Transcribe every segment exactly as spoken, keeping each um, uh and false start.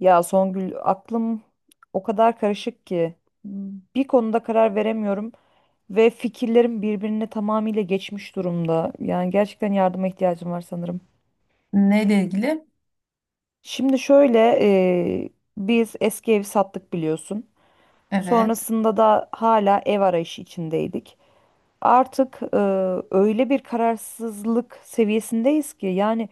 Ya Songül aklım o kadar karışık ki bir konuda karar veremiyorum ve fikirlerim birbirine tamamıyla geçmiş durumda. Yani gerçekten yardıma ihtiyacım var sanırım. Neyle ilgili? Şimdi şöyle, e, biz eski evi sattık biliyorsun. Evet. Sonrasında da hala ev arayışı içindeydik. Artık e, öyle bir kararsızlık seviyesindeyiz ki. Yani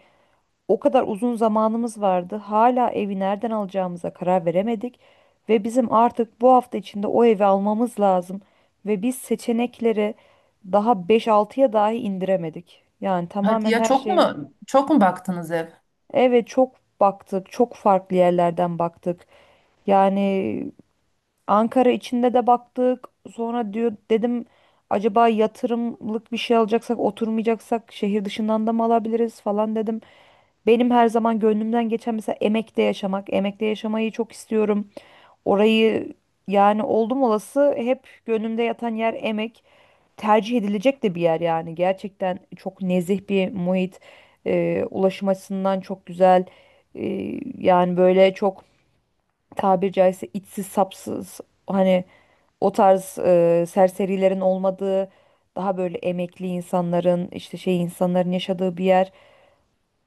o kadar uzun zamanımız vardı, hala evi nereden alacağımıza karar veremedik ve bizim artık bu hafta içinde o evi almamız lazım ve biz seçenekleri daha beş altıya dahi indiremedik. Yani Hadi tamamen ya, her çok şey. mu çok mu baktınız ev? Evet, çok baktık, çok farklı yerlerden baktık. Yani Ankara içinde de baktık. Sonra diyor dedim, acaba yatırımlık bir şey alacaksak oturmayacaksak şehir dışından da mı alabiliriz falan dedim. Benim her zaman gönlümden geçen mesela Emek'te yaşamak. Emek'te yaşamayı çok istiyorum. Orayı, yani oldum olası hep gönlümde yatan yer Emek. Tercih edilecek de bir yer yani. Gerçekten çok nezih bir muhit. Ee, ulaşım açısından çok güzel. Ee, yani böyle çok, tabiri caizse içsiz sapsız, hani o tarz e, serserilerin olmadığı, daha böyle emekli insanların, işte şey insanların yaşadığı bir yer.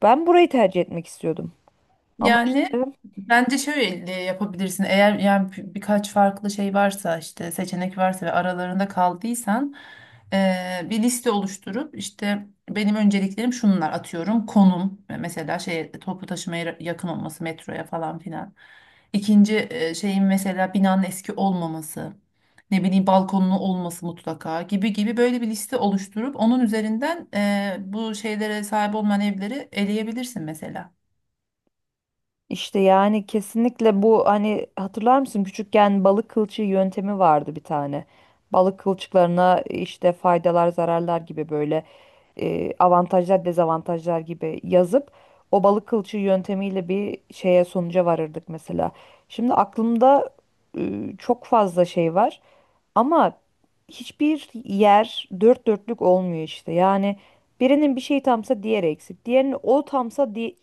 Ben burayı tercih etmek istiyordum. Ama Yani işte bence şöyle e, yapabilirsin. Eğer yani bir- birkaç farklı şey varsa işte, seçenek varsa ve aralarında kaldıysan eee, bir liste oluşturup işte benim önceliklerim şunlar, atıyorum konum mesela, şey toplu taşımaya yakın olması, metroya falan filan. İkinci eee, şeyin mesela binanın eski olmaması, ne bileyim balkonlu olması mutlaka gibi gibi, böyle bir liste oluşturup onun üzerinden eee, bu şeylere sahip olmayan evleri eleyebilirsin mesela. İşte yani kesinlikle bu, hani hatırlar mısın küçükken balık kılçığı yöntemi vardı bir tane. Balık kılçıklarına işte faydalar, zararlar gibi, böyle e, avantajlar, dezavantajlar gibi yazıp o balık kılçığı yöntemiyle bir şeye, sonuca varırdık mesela. Şimdi aklımda e, çok fazla şey var ama hiçbir yer dört dörtlük olmuyor işte. Yani birinin bir şeyi tamsa diğeri eksik. Diğerinin o tamsa di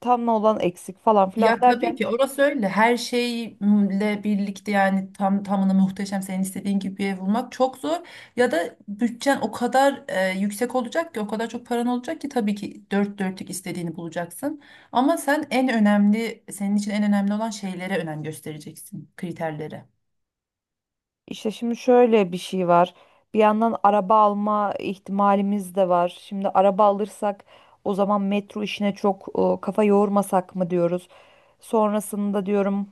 tam olan eksik falan filan Ya tabii derken, ki orası öyle. Her şeyle birlikte yani tam tamına muhteşem senin istediğin gibi bir ev bulmak çok zor. Ya da bütçen o kadar e, yüksek olacak ki, o kadar çok paran olacak ki tabii ki dört dörtlük istediğini bulacaksın. Ama sen en önemli, senin için en önemli olan şeylere önem göstereceksin, kriterlere. işte şimdi şöyle bir şey var. Bir yandan araba alma ihtimalimiz de var. Şimdi araba alırsak o zaman metro işine çok e, kafa yormasak mı diyoruz. Sonrasında diyorum,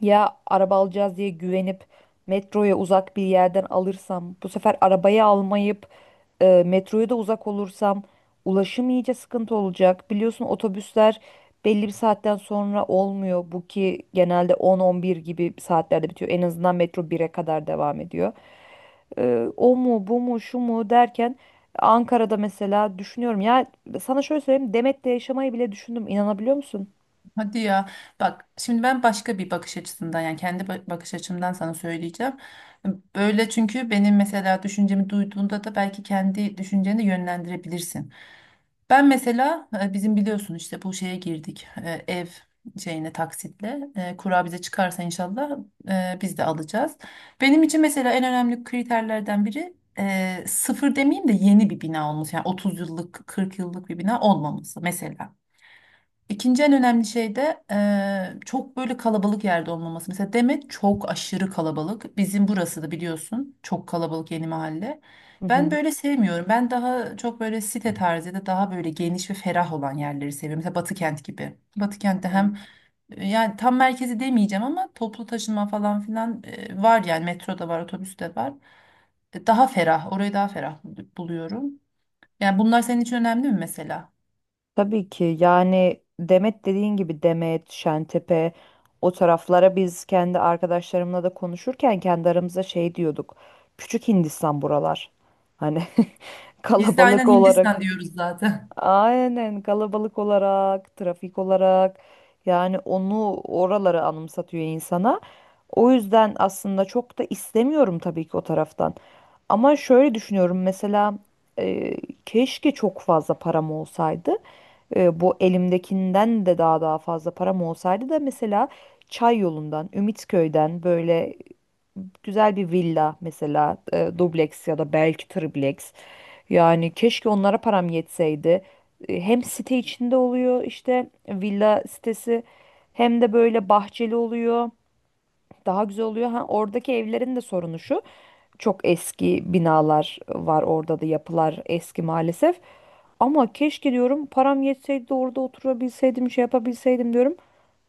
ya araba alacağız diye güvenip metroya uzak bir yerden alırsam, bu sefer arabayı almayıp e, metroya da uzak olursam ulaşım iyice sıkıntı olacak. Biliyorsun otobüsler belli bir saatten sonra olmuyor. Bu ki genelde on on bir gibi saatlerde bitiyor. En azından metro bire kadar devam ediyor. E, o mu bu mu şu mu derken, Ankara'da mesela düşünüyorum. Ya sana şöyle söyleyeyim, Demet'te yaşamayı bile düşündüm. İnanabiliyor musun? Hadi ya, bak şimdi ben başka bir bakış açısından, yani kendi ba- bakış açımdan sana söyleyeceğim. Böyle, çünkü benim mesela düşüncemi duyduğunda da belki kendi düşünceni de yönlendirebilirsin. Ben mesela e, bizim biliyorsun işte bu şeye girdik, e, ev şeyine taksitle, E, kura bize çıkarsa inşallah e, biz de alacağız. Benim için mesela en önemli kriterlerden biri e, sıfır demeyeyim de yeni bir bina olması, yani otuz yıllık kırk yıllık bir bina olmaması mesela. İkinci en önemli şey de eee, çok böyle kalabalık yerde olmaması. Mesela Demet çok aşırı kalabalık. Bizim burası da biliyorsun çok kalabalık, yeni mahalle. Ben Hı böyle sevmiyorum. Ben daha çok böyle site tarzı ya da daha böyle geniş ve ferah olan yerleri seviyorum. Mesela Batıkent gibi. Batıkent'te hı. hem e, yani tam merkezi demeyeceğim ama toplu taşıma falan filan e, var, yani metro da var, otobüs de var. E, daha ferah, orayı daha ferah buluyorum. Yani bunlar senin için önemli mi mesela? Tabii ki yani Demet, dediğin gibi Demet, Şentepe, o taraflara biz kendi arkadaşlarımla da konuşurken kendi aramızda şey diyorduk. Küçük Hindistan buralar. Hani Biz de kalabalık aynen olarak. Hindistan diyoruz zaten. Aynen, kalabalık olarak, trafik olarak, yani onu, oraları anımsatıyor insana. O yüzden aslında çok da istemiyorum tabii ki o taraftan. Ama şöyle düşünüyorum mesela, e, keşke çok fazla param olsaydı. E, bu elimdekinden de daha daha fazla param olsaydı da mesela Çay yolundan, Ümitköy'den böyle güzel bir villa mesela, e, dubleks ya da belki tripleks. Yani keşke onlara param yetseydi. E, Hem site içinde oluyor, işte villa sitesi, hem de böyle bahçeli oluyor. Daha güzel oluyor. Ha, oradaki evlerin de sorunu şu: çok eski binalar var orada da, yapılar eski maalesef. Ama keşke diyorum, param yetseydi de orada oturabilseydim, şey yapabilseydim diyorum.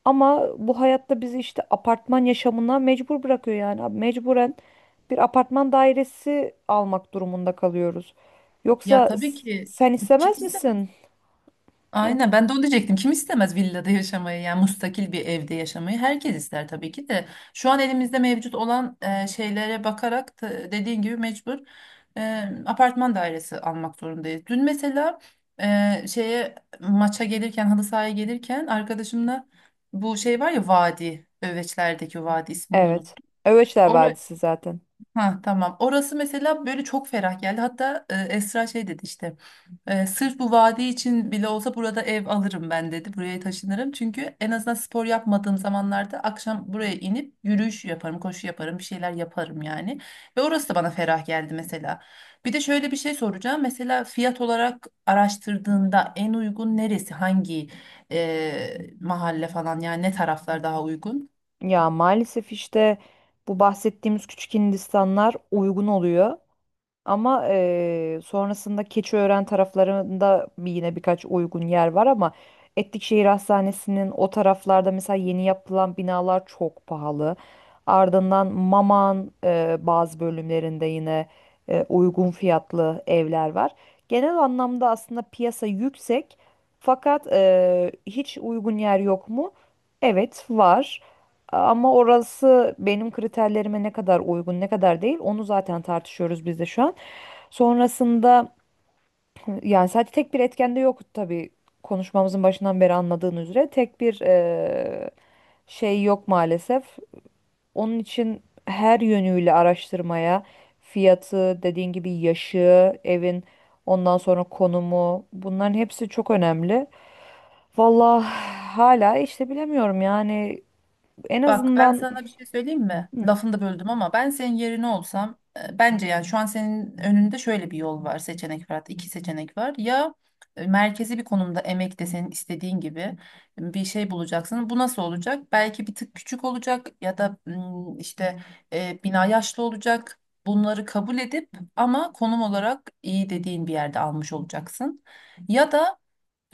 Ama bu hayatta bizi işte apartman yaşamına mecbur bırakıyor yani. Abi, mecburen bir apartman dairesi almak durumunda kalıyoruz. Ya Yoksa tabii s- ki, sen kim istemez misin? istemez? Aynen, ben de onu diyecektim. Kim istemez villada yaşamayı, yani müstakil bir evde yaşamayı? Herkes ister tabii ki de. Şu an elimizde mevcut olan e, şeylere bakarak da dediğin gibi mecbur e, apartman dairesi almak zorundayız. Dün mesela e, şeye maça gelirken, halı sahaya gelirken arkadaşımla, bu şey var ya vadi, Öveçler'deki vadi, ismini de Evet. unuttum. Öveçler Vadisi zaten. Ha tamam. Orası mesela böyle çok ferah geldi. Hatta e, Esra şey dedi işte. E, sırf bu vadi için bile olsa burada ev alırım ben dedi. Buraya taşınırım. Çünkü en azından spor yapmadığım zamanlarda akşam buraya inip yürüyüş yaparım, koşu yaparım, bir şeyler yaparım yani. Ve orası da bana ferah geldi mesela. Bir de şöyle bir şey soracağım. Mesela fiyat olarak araştırdığında en uygun neresi? Hangi e, mahalle falan, yani ne taraflar daha uygun? Ya maalesef işte bu bahsettiğimiz küçük Hindistanlar uygun oluyor. Ama eee, sonrasında Keçiören taraflarında bir- yine birkaç uygun yer var, ama Etlikşehir Hastanesi'nin o taraflarda mesela yeni yapılan binalar çok pahalı. Ardından Maman eee, bazı bölümlerinde yine eee, uygun fiyatlı evler var. Genel anlamda aslında piyasa yüksek, fakat eee, hiç uygun yer yok mu? Evet var. Ama orası benim kriterlerime ne kadar uygun, ne kadar değil, onu zaten tartışıyoruz biz de şu an. Sonrasında, yani sadece tek bir etken de yok tabii, konuşmamızın başından beri anladığın üzere tek bir eee, şey yok maalesef. Onun için her yönüyle araştırmaya, fiyatı, dediğin gibi yaşı, evin, ondan sonra konumu, bunların hepsi çok önemli. Vallahi hala işte bilemiyorum yani, en Bak ben azından. sana bir şey söyleyeyim mi? Lafını da böldüm ama ben senin yerine olsam, e, bence yani şu an senin önünde şöyle bir yol var, seçenek var, hatta iki seçenek var. Ya e, merkezi bir konumda, emek de senin istediğin gibi bir şey bulacaksın. Bu nasıl olacak? Belki bir tık küçük olacak ya da mm, işte e, bina yaşlı olacak. Bunları kabul edip ama konum olarak iyi dediğin bir yerde almış olacaksın. Ya da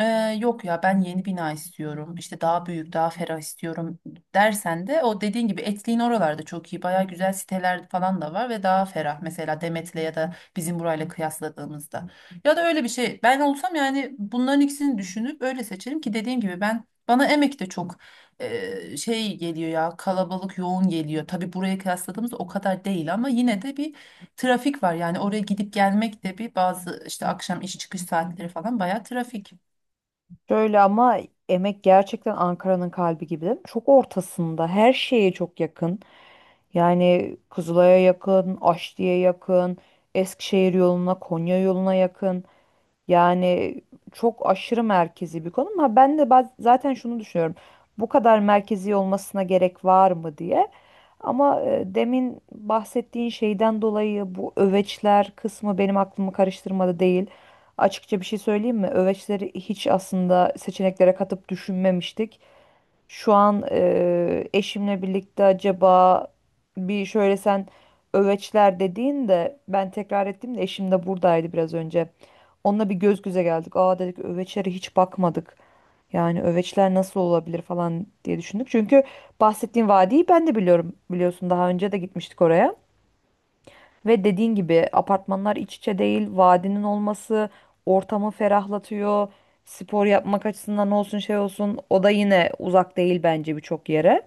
ee, yok ya ben yeni bina istiyorum işte, daha büyük daha ferah istiyorum dersen de, o dediğin gibi Etlik'in oralarda çok iyi, baya güzel siteler falan da var ve daha ferah, mesela Demet'le ya da bizim burayla kıyasladığımızda. Ya da öyle bir şey, ben olsam yani bunların ikisini düşünüp öyle seçerim. Ki dediğim gibi, ben, bana Emek de çok e, şey geliyor ya, kalabalık, yoğun geliyor. Tabii buraya kıyasladığımızda o kadar değil, ama yine de bir trafik var. Yani oraya gidip gelmek de bir, bazı işte akşam iş çıkış saatleri falan baya trafik. Şöyle ama, Emek gerçekten Ankara'nın kalbi gibi. Çok ortasında, her şeye çok yakın. Yani Kızılay'a yakın, Aşti'ye yakın, Eskişehir yoluna, Konya yoluna yakın. Yani çok aşırı merkezi bir konu. Ama ben de baz- zaten şunu düşünüyorum, bu kadar merkezi olmasına gerek var mı diye. Ama e, demin bahsettiğin şeyden dolayı bu Öveçler kısmı benim aklımı karıştırmadı değil. Açıkça bir şey söyleyeyim mi? Öveçleri hiç aslında seçeneklere katıp düşünmemiştik. Şu an e, eşimle birlikte, acaba bir şöyle, sen Öveçler dediğin de ben tekrar ettim de, eşim de buradaydı biraz önce. Onunla bir göz göze geldik. Aa, dedik, Öveçlere hiç bakmadık. Yani Öveçler nasıl olabilir falan diye düşündük. Çünkü bahsettiğim vadiyi ben de biliyorum. Biliyorsun daha önce de gitmiştik oraya. Ve dediğin gibi apartmanlar iç içe değil. Vadinin olması ortamı ferahlatıyor. Spor yapmak açısından olsun, şey olsun, o da yine uzak değil bence birçok yere.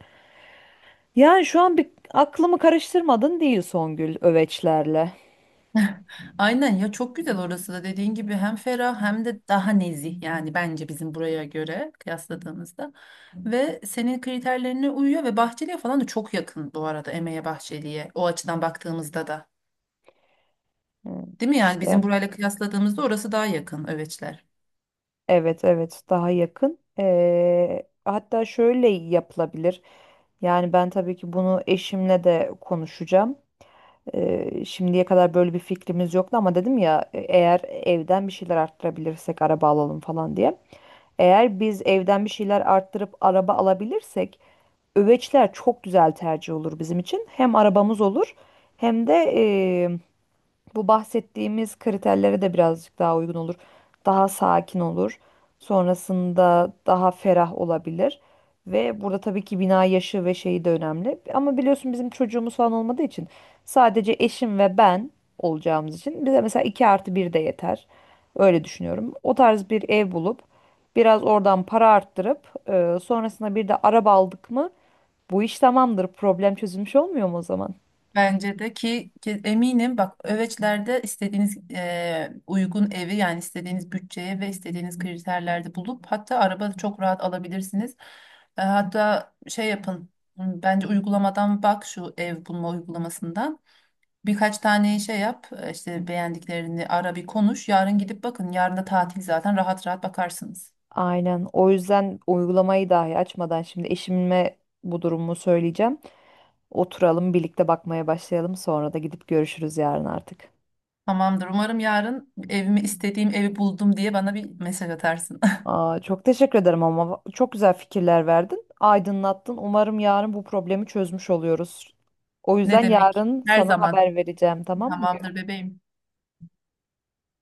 Yani şu an bir, aklımı karıştırmadın değil Songül, Öveçlerle. Aynen ya, çok güzel orası da dediğin gibi, hem ferah hem de daha nezih, yani bence bizim buraya göre kıyasladığımızda ve senin kriterlerine uyuyor. Ve Bahçeli'ye falan da çok yakın bu arada, Emeğe Bahçeli'ye, o açıdan baktığımızda da, Hı, değil mi, yani bizim işte. burayla kıyasladığımızda orası daha yakın, Öveçler. Evet evet, daha yakın. Ee, hatta şöyle yapılabilir. Yani ben tabii ki bunu eşimle de konuşacağım. Ee, şimdiye kadar böyle bir fikrimiz yoktu ama dedim ya, e, eğer evden bir şeyler arttırabilirsek araba alalım falan diye. Eğer biz evden bir şeyler arttırıp araba alabilirsek Öveçler çok güzel tercih olur bizim için. Hem arabamız olur, hem de bu bahsettiğimiz kriterlere de birazcık daha uygun olur. Daha sakin olur. Sonrasında daha ferah olabilir. Ve burada tabii ki bina yaşı ve şeyi de önemli. Ama biliyorsun bizim çocuğumuz falan olmadığı için, sadece eşim ve ben olacağımız için, bize mesela iki artı bir de yeter. Öyle düşünüyorum. O tarz bir ev bulup, biraz oradan para arttırıp, e, sonrasında bir de araba aldık mı bu iş tamamdır. Problem çözülmüş olmuyor mu o zaman? Bence de, ki, ki eminim, bak Öveçler'de istediğiniz eee, uygun evi, yani istediğiniz bütçeye ve istediğiniz kriterlerde bulup hatta araba da çok rahat alabilirsiniz. E, hatta şey yapın, m, bence uygulamadan, bak şu ev bulma uygulamasından birkaç tane şey yap, e, işte beğendiklerini ara, bir konuş, yarın gidip bakın, yarın da tatil zaten, rahat rahat bakarsınız. Aynen. O yüzden uygulamayı dahi açmadan şimdi eşime bu durumu söyleyeceğim. Oturalım, birlikte bakmaya başlayalım. Sonra da gidip görüşürüz yarın artık. Tamamdır, umarım yarın "Evimi, istediğim evi buldum" diye bana bir mesaj atarsın. Aa, çok teşekkür ederim, ama çok güzel fikirler verdin. Aydınlattın. Umarım yarın bu problemi çözmüş oluyoruz. O Ne yüzden demek, yarın her sana zaman. haber vereceğim, tamam mı? Tamamdır bebeğim.